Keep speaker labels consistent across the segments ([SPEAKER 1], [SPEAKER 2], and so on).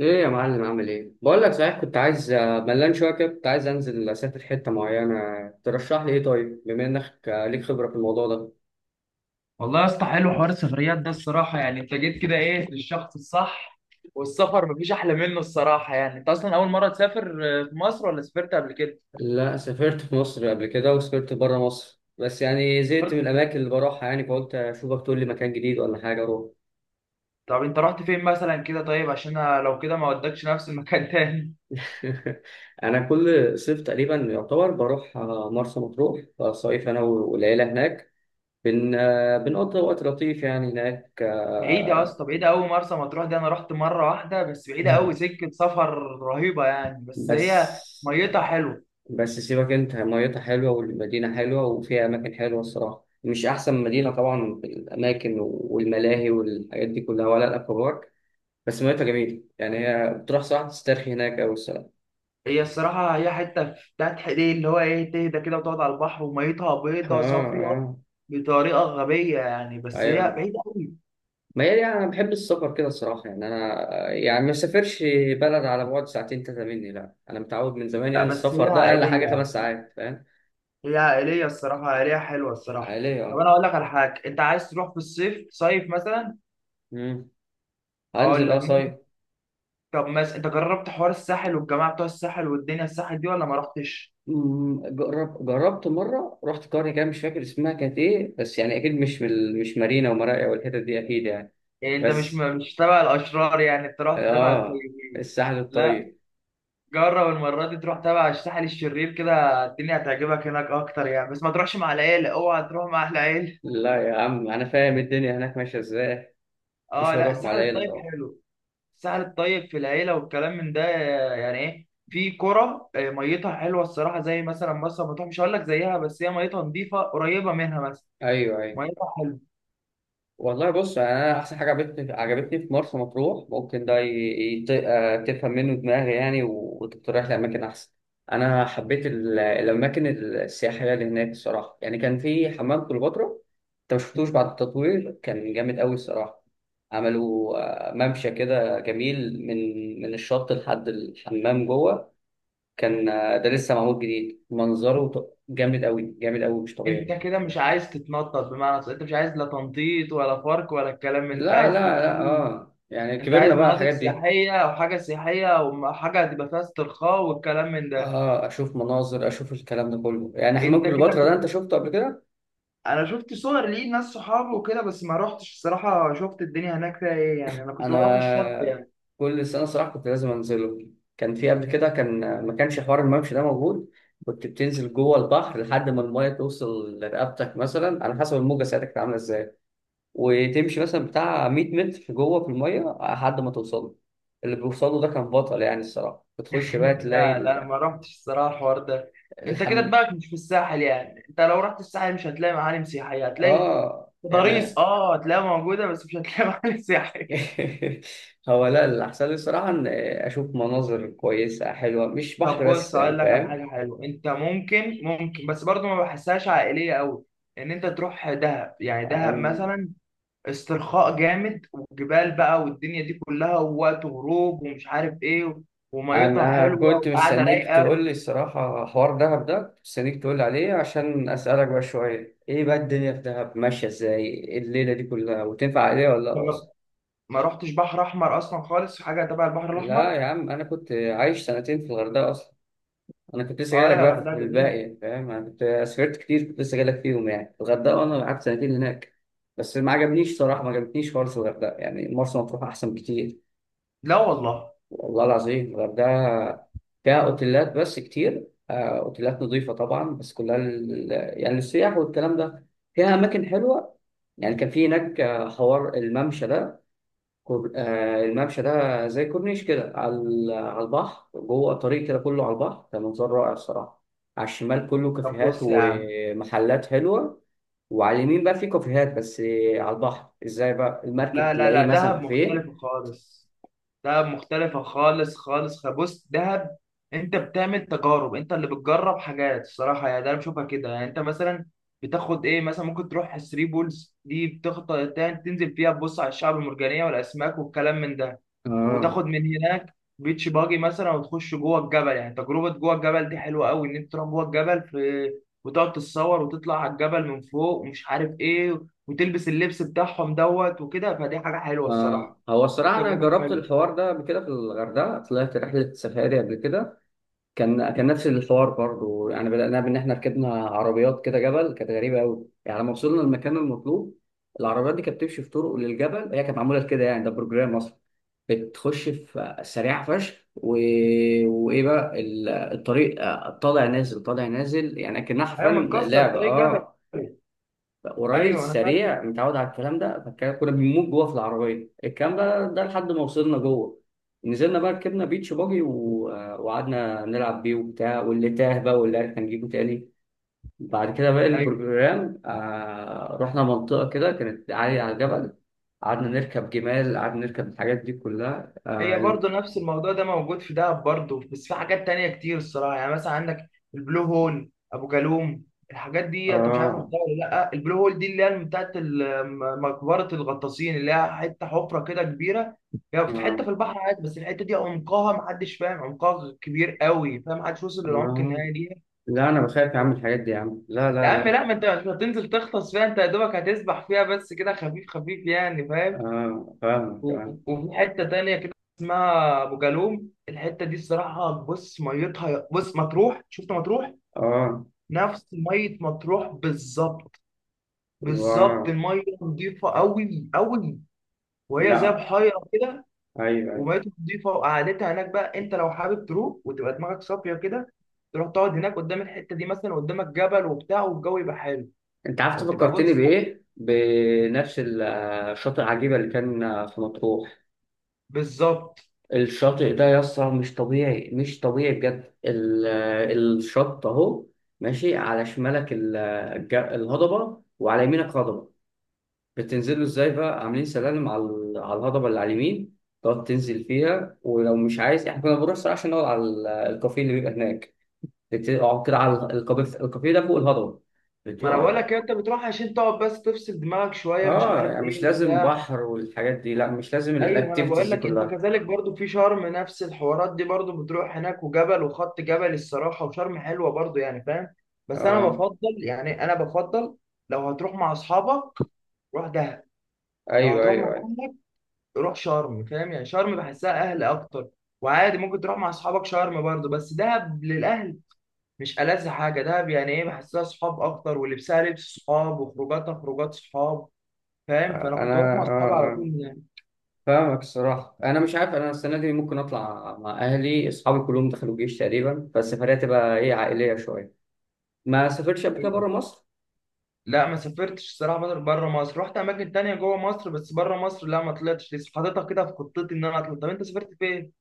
[SPEAKER 1] ايه يا معلم عامل ايه؟ بقول لك صحيح كنت عايز ملان شويه كده، كنت عايز انزل اسافر حته معينه. ترشح لي ايه؟ طيب، بما انك ليك خبره في الموضوع ده.
[SPEAKER 2] والله يا اسطى، حلو حوار السفريات ده الصراحة. يعني انت جيت كده ايه للشخص الصح. والسفر مفيش احلى منه الصراحة. يعني انت اصلا اول مرة تسافر في مصر ولا سافرت قبل كده؟
[SPEAKER 1] لا، سافرت في مصر قبل كده وسافرت بره مصر، بس يعني زهقت من
[SPEAKER 2] سافرت.
[SPEAKER 1] الاماكن اللي بروحها، يعني فقلت اشوفك تقول لي مكان جديد ولا حاجه اروح.
[SPEAKER 2] طب انت رحت فين مثلا كده؟ طيب عشان انا لو كده ما ودكش نفس المكان تاني.
[SPEAKER 1] انا كل صيف تقريبا يعتبر بروح مرسى مطروح، صيف انا والعيله هناك. بن آه، بنقضي وقت لطيف يعني هناك
[SPEAKER 2] بعيدة يا اسطى، بعيدة قوي مرسى مطروح دي. انا رحت مرة واحدة بس، بعيدة قوي، سكة سفر رهيبة يعني. بس
[SPEAKER 1] بس
[SPEAKER 2] هي ميتها حلوة.
[SPEAKER 1] بس سيبك انت، ميتها حلوة والمدينة حلوة وفيها أماكن حلوة الصراحة. مش أحسن مدينة طبعا في الأماكن والملاهي والحاجات دي كلها ولا الأكوابارك، بس ميتها جميلة. يعني هي بتروح صراحة تسترخي هناك أوي الصراحة.
[SPEAKER 2] هي الصراحة هي حتة بتاعت حقيقي، اللي هو إيه، تهدى كده وتقعد على البحر، وميتها
[SPEAKER 1] آه
[SPEAKER 2] بيضة صافية
[SPEAKER 1] آه.
[SPEAKER 2] بطريقة غبية يعني. بس هي
[SPEAKER 1] أيوه.
[SPEAKER 2] بعيدة أوي.
[SPEAKER 1] ما هي يعني أنا بحب السفر كده الصراحة، يعني أنا يعني ما سافرش بلد على بعد 2 3 مني، لأ، أنا متعود من زمان
[SPEAKER 2] لا،
[SPEAKER 1] يعني
[SPEAKER 2] بس
[SPEAKER 1] السفر
[SPEAKER 2] هي
[SPEAKER 1] ده أقل حاجة
[SPEAKER 2] عائلية.
[SPEAKER 1] 5 ساعات، فاهم؟
[SPEAKER 2] هي عائلية الصراحة، عائلية حلوة الصراحة.
[SPEAKER 1] عالية
[SPEAKER 2] طب
[SPEAKER 1] أه.
[SPEAKER 2] أنا أقول لك على حاجة، أنت عايز تروح في الصيف، صيف مثلا؟
[SPEAKER 1] مم.
[SPEAKER 2] أقول
[SPEAKER 1] هنزل أه
[SPEAKER 2] لك مين.
[SPEAKER 1] صيف.
[SPEAKER 2] طب مثلا أنت جربت حوار الساحل والجماعة بتوع الساحل والدنيا الساحل دي ولا ما رحتش؟
[SPEAKER 1] جرب جربت مرة، رحت قرية كده مش فاكر اسمها كانت إيه، بس يعني أكيد مش في مش مارينا ومراقيا والحتت دي أكيد يعني.
[SPEAKER 2] يعني أنت مش
[SPEAKER 1] بس
[SPEAKER 2] مش تبع الأشرار، يعني أنت رحت تبع
[SPEAKER 1] آه،
[SPEAKER 2] الطيبين.
[SPEAKER 1] الساحل
[SPEAKER 2] لا،
[SPEAKER 1] الطيب.
[SPEAKER 2] جرب المرة دي تروح تبع الساحل الشرير كده. الدنيا هتعجبك هناك أكتر يعني، بس ما تروحش مع العيلة، أوعى تروح مع أهل العيلة.
[SPEAKER 1] لا يا عم أنا فاهم الدنيا هناك ماشية إزاي. مش
[SPEAKER 2] أه، لا
[SPEAKER 1] هروح مع
[SPEAKER 2] الساحل
[SPEAKER 1] العيلة
[SPEAKER 2] الطيب
[SPEAKER 1] طبعا.
[SPEAKER 2] حلو. الساحل الطيب في العيلة والكلام من ده، يعني إيه، في قرى. ميتها حلوة الصراحة. زي مثلا مرسى مطروح، مش هقول لك زيها، بس هي ميتها نظيفة قريبة منها مثلا.
[SPEAKER 1] أيوه أيوه.
[SPEAKER 2] ميتها حلوة.
[SPEAKER 1] والله بص، يعني انا احسن حاجه عجبتني في مرسى مطروح، ممكن ده تفهم منه دماغي، يعني وتقترح لي اماكن احسن. انا حبيت الاماكن السياحيه اللي هناك الصراحه، يعني كان في حمام كليوباترا. انت ما شفتوش بعد التطوير، كان جامد قوي الصراحه. عملوا ممشى كده جميل من من الشط لحد الحمام جوه. كان ده لسه معمول جديد، منظره جامد قوي، جامد قوي مش
[SPEAKER 2] أنت
[SPEAKER 1] طبيعي.
[SPEAKER 2] كده مش عايز تتنطط، بمعنى صح، أنت مش عايز لا تنطيط ولا فرق ولا الكلام من ده. أنت
[SPEAKER 1] لا
[SPEAKER 2] عايز
[SPEAKER 1] لا
[SPEAKER 2] تبقى
[SPEAKER 1] لا
[SPEAKER 2] فيه.
[SPEAKER 1] اه يعني
[SPEAKER 2] أنت عايز
[SPEAKER 1] كبرنا بقى على
[SPEAKER 2] مناطق
[SPEAKER 1] الحاجات دي.
[SPEAKER 2] سياحية أو حاجة سياحية أو حاجة هتبقى فيها استرخاء والكلام من ده.
[SPEAKER 1] اه، اشوف مناظر، اشوف الكلام ده كله يعني. حمام
[SPEAKER 2] انت كده
[SPEAKER 1] كليوباترا ده
[SPEAKER 2] كنت
[SPEAKER 1] انت شفته قبل كده؟
[SPEAKER 2] انا شفت صور ليه ناس صحابي وكده، بس ما روحتش الصراحه. شفت الدنيا هناك فيها ايه، يعني انا كنت بروح الشط
[SPEAKER 1] انا
[SPEAKER 2] يعني.
[SPEAKER 1] كل سنه صراحه كنت لازم انزله. كان في قبل كده كان ما كانش حوار الممشى ده موجود. كنت بتنزل جوه البحر لحد ما المايه توصل لرقبتك، مثلا على حسب الموجه ساعتها كانت عامله ازاي، وتمشي مثلا بتاع 100 متر جوه في المايه لحد ما توصل. اللي بيوصله ده كان بطل يعني الصراحه، بتخش بقى تلاقي
[SPEAKER 2] لا لا،
[SPEAKER 1] ال-
[SPEAKER 2] ما روحتش الصراحه الحوار ده. انت كده
[SPEAKER 1] الحم
[SPEAKER 2] دماغك مش في الساحل. يعني انت لو رحت الساحل مش هتلاقي معالم سياحيه، هتلاقي
[SPEAKER 1] اه
[SPEAKER 2] تضاريس،
[SPEAKER 1] يعني.
[SPEAKER 2] اه هتلاقيها موجوده، بس مش هتلاقي معالم سياحيه.
[SPEAKER 1] هو لا، اللي أحسن لي الصراحة إن أشوف مناظر كويسة حلوة، مش
[SPEAKER 2] طب
[SPEAKER 1] بحر بس
[SPEAKER 2] بص،
[SPEAKER 1] يعني،
[SPEAKER 2] اقول لك على
[SPEAKER 1] فاهم؟
[SPEAKER 2] حاجه حلوه. انت ممكن، بس برضه ما بحسهاش عائليه قوي، ان انت تروح دهب. يعني دهب
[SPEAKER 1] أنا
[SPEAKER 2] مثلا، استرخاء جامد، وجبال بقى، والدنيا دي كلها، ووقت غروب ومش عارف ايه، وميتها
[SPEAKER 1] أنا
[SPEAKER 2] حلوه
[SPEAKER 1] كنت
[SPEAKER 2] وقاعده
[SPEAKER 1] مستنيك
[SPEAKER 2] رايقه.
[SPEAKER 1] تقول لي الصراحة، حوار دهب ده كنت مستنيك تقول لي عليه عشان أسألك بقى شوية إيه بقى الدنيا في دهب ماشية إزاي، إيه الليلة دي كلها وتنفع عليها ولا لأ
[SPEAKER 2] ما
[SPEAKER 1] أصلا؟
[SPEAKER 2] ما رحتش بحر احمر اصلا خالص، حاجه تبع البحر
[SPEAKER 1] لا
[SPEAKER 2] الاحمر.
[SPEAKER 1] يا عم، أنا كنت عايش 2 سنين في الغردقة أصلا. انا كنت لسه جاي
[SPEAKER 2] اه
[SPEAKER 1] لك
[SPEAKER 2] لا،
[SPEAKER 1] بقى في
[SPEAKER 2] الغردقه جميل.
[SPEAKER 1] الباقي فاهم، انا كنت سافرت كتير، كنت لسه جاي لك فيهم يعني الغردقه، وانا قعدت 2 سنين هناك. بس ما عجبنيش صراحه، ما عجبتنيش خالص الغردقه، يعني مرسى مطروح احسن بكتير.
[SPEAKER 2] لا والله.
[SPEAKER 1] والله العظيم. الغردقه فيها اوتيلات بس كتير اوتيلات نظيفه طبعا، بس كلها يعني للسياح والكلام ده. فيها اماكن حلوه، يعني كان في هناك حوار الممشى ده. كور... آه الممشى ده زي كورنيش كده على على البحر، جوه طريق كده كله على البحر، كان منظر رائع الصراحة. على الشمال كله
[SPEAKER 2] طب
[SPEAKER 1] كافيهات
[SPEAKER 2] بص يا عم.
[SPEAKER 1] ومحلات حلوة، وعلى اليمين بقى في كافيهات بس على البحر، ازاي بقى المركب
[SPEAKER 2] لا لا
[SPEAKER 1] تلاقيه
[SPEAKER 2] لا،
[SPEAKER 1] مثلا
[SPEAKER 2] دهب
[SPEAKER 1] كافيه.
[SPEAKER 2] مختلف خالص. دهب مختلفة خالص خالص. بص دهب، انت بتعمل تجارب، انت اللي بتجرب حاجات الصراحة يعني. ده انا بشوفها كده. يعني انت مثلا بتاخد ايه، مثلا ممكن تروح ثري بولز دي، بتخطط تنزل فيها تبص على الشعب المرجانية والاسماك والكلام من ده.
[SPEAKER 1] اه
[SPEAKER 2] وتاخد من هناك بيتش باجي مثلا، وتخش جوه الجبل. يعني تجربة جوه الجبل دي حلوة قوي، ان انت تروح جوه الجبل في، وتقعد تتصور وتطلع على الجبل من فوق ومش عارف ايه، وتلبس اللبس بتاعهم دوت وكده. فدي حاجة حلوة الصراحة.
[SPEAKER 1] آه. هو الصراحة أنا
[SPEAKER 2] تجربة
[SPEAKER 1] جربت
[SPEAKER 2] حلوة.
[SPEAKER 1] الحوار ده قبل كده في الغردقة، طلعت رحلة سفاري قبل كده. كان نفس الحوار برضو، يعني بدأنا بإن إحنا ركبنا عربيات كده جبل، كانت غريبة أوي يعني. لما وصلنا المكان المطلوب، العربيات دي كانت بتمشي في طرق للجبل، هي كانت معمولة كده يعني، ده بروجرام أصلا. بتخش في سريعة فشخ وإيه بقى الطريق طالع نازل طالع نازل، يعني كأنها حرفيا
[SPEAKER 2] ايوه، متكسر
[SPEAKER 1] لعبة
[SPEAKER 2] طريق جبلي.
[SPEAKER 1] أه. وراجل
[SPEAKER 2] ايوه انا فاهم.
[SPEAKER 1] سريع متعود على الكلام ده، كنا بنموت جوه في العربيه الكلام بقى ده لحد ما وصلنا جوه. نزلنا بقى ركبنا بيتش باجي وقعدنا نلعب بيه وبتاع، واللي تاه بقى واللي عرف هنجيبه تاني. بعد كده بقى
[SPEAKER 2] ايوه،
[SPEAKER 1] البروجرام آه رحنا منطقه كده كانت عاليه على الجبل، قعدنا نركب جمال، قعدنا نركب الحاجات دي كلها
[SPEAKER 2] هي برضه نفس الموضوع ده موجود في دهب برضه، بس في حاجات تانية كتير الصراحه. يعني مثلا عندك البلو هول، ابو جالوم، الحاجات دي انت مش عارف
[SPEAKER 1] آه,
[SPEAKER 2] رحتها ولا لا. البلو هول دي اللي هي بتاعت ال- مقبره الغطاسين، اللي هي حته حفره كده كبيره. هي يعني في حته
[SPEAKER 1] آه,
[SPEAKER 2] في البحر عادي، بس الحته دي عمقها محدش فاهم عمقها، كبير قوي فاهم، محدش وصل للعمق
[SPEAKER 1] آه.
[SPEAKER 2] النهائي ليها.
[SPEAKER 1] لا أنا بخاف يا عم الحاجات دي يا عم، لا
[SPEAKER 2] يا
[SPEAKER 1] لا
[SPEAKER 2] عم
[SPEAKER 1] لا
[SPEAKER 2] لا، ما انت مش هتنزل تغطس فيها. انت يا دوبك هتسبح فيها بس كده، خفيف خفيف يعني فاهم.
[SPEAKER 1] آه فاهمك آه.
[SPEAKER 2] وفي حته تانية كده اسمها ابو جالوم. الحته دي الصراحه، بص ميتها، بص مطروح، شفت مطروح؟
[SPEAKER 1] آه
[SPEAKER 2] نفس ميه مطروح بالظبط.
[SPEAKER 1] واو.
[SPEAKER 2] بالظبط الميه نظيفه قوي قوي. وهي زي
[SPEAKER 1] لا
[SPEAKER 2] بحيره كده.
[SPEAKER 1] ايوه ايوه.
[SPEAKER 2] وميتها نظيفه وقعدتها هناك بقى. انت لو حابب تروح وتبقى دماغك صافيه كده، تروح تقعد هناك قدام الحته دي مثلا، قدامك جبل وبتاع والجو يبقى حلو،
[SPEAKER 1] انت عارف
[SPEAKER 2] فتبقى
[SPEAKER 1] تفكرتني
[SPEAKER 2] بص
[SPEAKER 1] بايه؟ بنفس الشاطئ عجيبه اللي كان في مطروح.
[SPEAKER 2] بالظبط.
[SPEAKER 1] الشاطئ ده يا اسطى مش طبيعي، مش طبيعي بجد. الشط اهو ماشي على شمالك الهضبه، وعلى يمينك هضبه. بتنزلوا ازاي بقى؟ عاملين سلالم على على الهضبه اللي على اليمين، تقعد تنزل فيها، ولو مش عايز احنا كنا بنروح الصراحه عشان نقعد على الكافيه اللي بيبقى هناك. بتقعد كده على الكافيه، الكافيه ده فوق الهضبه.
[SPEAKER 2] ما انا بقول
[SPEAKER 1] بتقع
[SPEAKER 2] لك، انت بتروح عشان تقعد بس تفصل دماغك شويه، مش
[SPEAKER 1] اه
[SPEAKER 2] عارف
[SPEAKER 1] يعني. مش
[SPEAKER 2] ايه
[SPEAKER 1] لازم
[SPEAKER 2] وبتاع.
[SPEAKER 1] بحر والحاجات دي، لا مش لازم
[SPEAKER 2] ايوه، انا
[SPEAKER 1] الاكتيفيتيز
[SPEAKER 2] بقول
[SPEAKER 1] دي
[SPEAKER 2] لك انت
[SPEAKER 1] كلها.
[SPEAKER 2] كذلك برضو. في شرم نفس الحوارات دي برضو، بتروح هناك، وجبل وخط جبل الصراحه. وشرم حلوه برضو يعني فاهم. بس انا
[SPEAKER 1] اه.
[SPEAKER 2] بفضل، يعني انا بفضل، لو هتروح مع اصحابك روح دهب، لو
[SPEAKER 1] ايوه
[SPEAKER 2] هتروح مع
[SPEAKER 1] ايوه ايوه.
[SPEAKER 2] اهلك روح شرم فاهم. يعني شرم بحسها اهل اكتر. وعادي ممكن تروح مع اصحابك شرم برضو، بس دهب للاهل. مش ألذ حاجه دهب، يعني ايه، بحسها صحاب اكتر، ولبسها لبس صحاب، وخروجاتها خروجات صحاب فاهم.
[SPEAKER 1] آه،
[SPEAKER 2] فانا
[SPEAKER 1] انا
[SPEAKER 2] كنت بروح مع اصحابي على
[SPEAKER 1] اه
[SPEAKER 2] طول
[SPEAKER 1] فاهمك الصراحه. انا مش عارف، انا السنه دي ممكن اطلع مع اهلي، اصحابي كلهم دخلوا الجيش تقريبا، فالسفريه تبقى ايه عائليه شويه. ما سافرتش قبل كده
[SPEAKER 2] يعني.
[SPEAKER 1] بره مصر.
[SPEAKER 2] لا ما سافرتش الصراحه، بره مصر رحت اماكن تانية جوه مصر، بس بره مصر لا ما طلعتش لسه، حاططها كده في خطتي ان انا اطلع. طب انت سافرت فين؟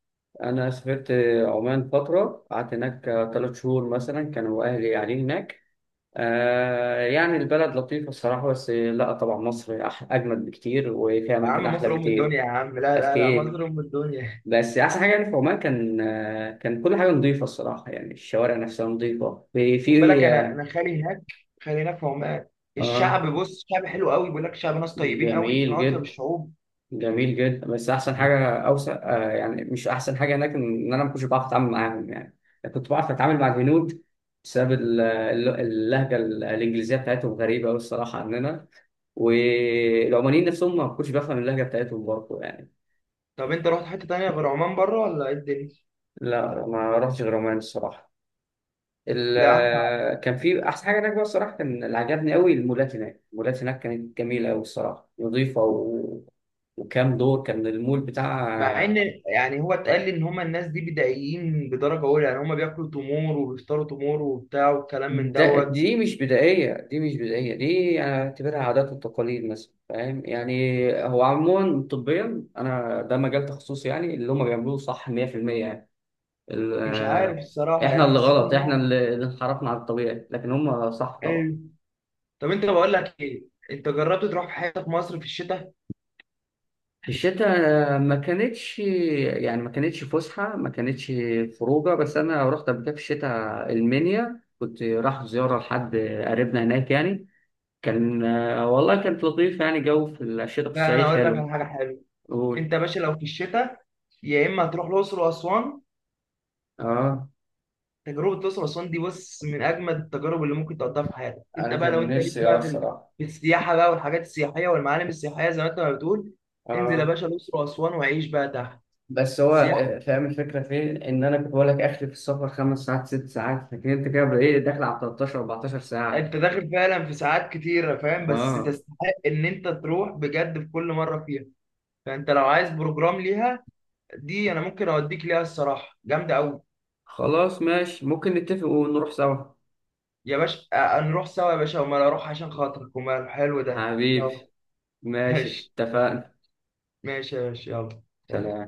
[SPEAKER 1] انا سافرت عمان فتره، قعدت هناك 3 شهور مثلا، كانوا اهلي قاعدين هناك. آه يعني البلد لطيفه الصراحه، بس لا طبعا مصر اجمل بكتير وفيها
[SPEAKER 2] يا
[SPEAKER 1] اماكن
[SPEAKER 2] عم
[SPEAKER 1] احلى
[SPEAKER 2] مصر ام الدنيا،
[SPEAKER 1] بكتير.
[SPEAKER 2] يا عم لا لا لا،
[SPEAKER 1] أكيد.
[SPEAKER 2] مصر ام الدنيا.
[SPEAKER 1] بس احسن حاجه يعني في عمان كان كان كل حاجه نظيفه الصراحه، يعني الشوارع نفسها نظيفه في
[SPEAKER 2] خد
[SPEAKER 1] في
[SPEAKER 2] بالك، انا خالي هناك، خالي هناك في عمان.
[SPEAKER 1] اه.
[SPEAKER 2] الشعب بص، شعب حلو قوي، بيقول لك شعب ناس طيبين قوي، من
[SPEAKER 1] جميل
[SPEAKER 2] اطيب
[SPEAKER 1] جدا،
[SPEAKER 2] الشعوب.
[SPEAKER 1] جميل جدا. بس احسن حاجه اوسع آه، يعني مش احسن حاجه هناك ان انا ما كنتش بعرف اتعامل معاهم يعني. أنا كنت بعرف اتعامل مع الهنود بسبب اللهجه الانجليزيه بتاعتهم غريبه قوي الصراحه عننا، والعمانيين نفسهم ما كنتش بفهم اللهجه بتاعتهم برضه يعني.
[SPEAKER 2] طب انت رحت حته تانية غير عمان بره ولا ايه الدنيا؟
[SPEAKER 1] لا ما رحتش غير عمان الصراحه.
[SPEAKER 2] لا.
[SPEAKER 1] كان في احسن حاجه هناك بقى الصراحه، كان اللي عجبني قوي المولات هناك، المولات هناك كانت جميله قوي الصراحه، نظيفه وكام دور كان المول
[SPEAKER 2] مع ان،
[SPEAKER 1] بتاع.
[SPEAKER 2] يعني هو اتقال لي ان هما الناس دي بدائيين بدرجه اولى، يعني هما بياكلوا تمور وبيفطروا تمور وبتاع والكلام من
[SPEAKER 1] ده
[SPEAKER 2] دوت.
[SPEAKER 1] دي مش بدائيه، دي مش بدائيه، دي انا اعتبرها عادات وتقاليد مثلا، فاهم يعني. هو عموما طبيا انا ده مجال تخصصي، يعني اللي هم بيعملوه صح 100%. يعني ال-
[SPEAKER 2] مش عارف
[SPEAKER 1] آه،
[SPEAKER 2] الصراحة،
[SPEAKER 1] احنا
[SPEAKER 2] يعني
[SPEAKER 1] اللي
[SPEAKER 2] حسيت إن
[SPEAKER 1] غلط، احنا
[SPEAKER 2] هو
[SPEAKER 1] اللي انحرفنا عن الطبيعي، لكن هم صح طبعا.
[SPEAKER 2] إيه. طب أنت، بقول لك إيه، أنت جربت تروح في حتة في مصر في الشتاء؟
[SPEAKER 1] في الشتاء ما كانتش يعني ما كانتش فسحة، ما كانتش خروجة، بس أنا رحت قبل كده في الشتاء المنيا، كنت رايح زيارة لحد قريبنا هناك يعني. كان والله كانت لطيفة، يعني جو في الشتاء في
[SPEAKER 2] لا أنا
[SPEAKER 1] الصعيد
[SPEAKER 2] أقول لك على
[SPEAKER 1] حلو.
[SPEAKER 2] حاجة حلوة. أنت
[SPEAKER 1] قول.
[SPEAKER 2] يا باشا لو في الشتاء، يا إما هتروح الأقصر وأسوان.
[SPEAKER 1] اه
[SPEAKER 2] تجربة الأقصر وأسوان دي بص، من أجمد التجارب اللي ممكن تقضيها في حياتك. أنت
[SPEAKER 1] انا
[SPEAKER 2] بقى لو
[SPEAKER 1] كان
[SPEAKER 2] أنت ليك
[SPEAKER 1] نفسي اه
[SPEAKER 2] بقى في ال-
[SPEAKER 1] الصراحه.
[SPEAKER 2] في السياحة بقى والحاجات السياحية والمعالم السياحية زي ما أنت ما بتقول، انزل يا
[SPEAKER 1] اه.
[SPEAKER 2] باشا الأقصر وأسوان وعيش بقى تحت.
[SPEAKER 1] بس هو
[SPEAKER 2] سياحة،
[SPEAKER 1] فاهم الفكره فين، ان انا كنت بقول لك اخري في السفر 5 ساعات 6 ساعات، لكن انت كده بقى ايه داخل على 13 14 ساعه.
[SPEAKER 2] أنت داخل فعلا في ساعات كتيرة فاهم، بس
[SPEAKER 1] آه.
[SPEAKER 2] تستحق إن أنت تروح بجد في كل مرة فيها. فأنت لو عايز بروجرام ليها، دي انا ممكن اوديك ليها الصراحه، جامده قوي.
[SPEAKER 1] خلاص ماشي، ممكن نتفق ونروح سوا.
[SPEAKER 2] يا باشا، نروح سوا يا باشا، وما اروح عشان خاطرك، وما حلو ده، يلا.
[SPEAKER 1] حبيبي. ماشي.
[SPEAKER 2] ماشي.
[SPEAKER 1] اتفقنا.
[SPEAKER 2] ماشي يا باشا يلا. سلام.
[SPEAKER 1] سلام.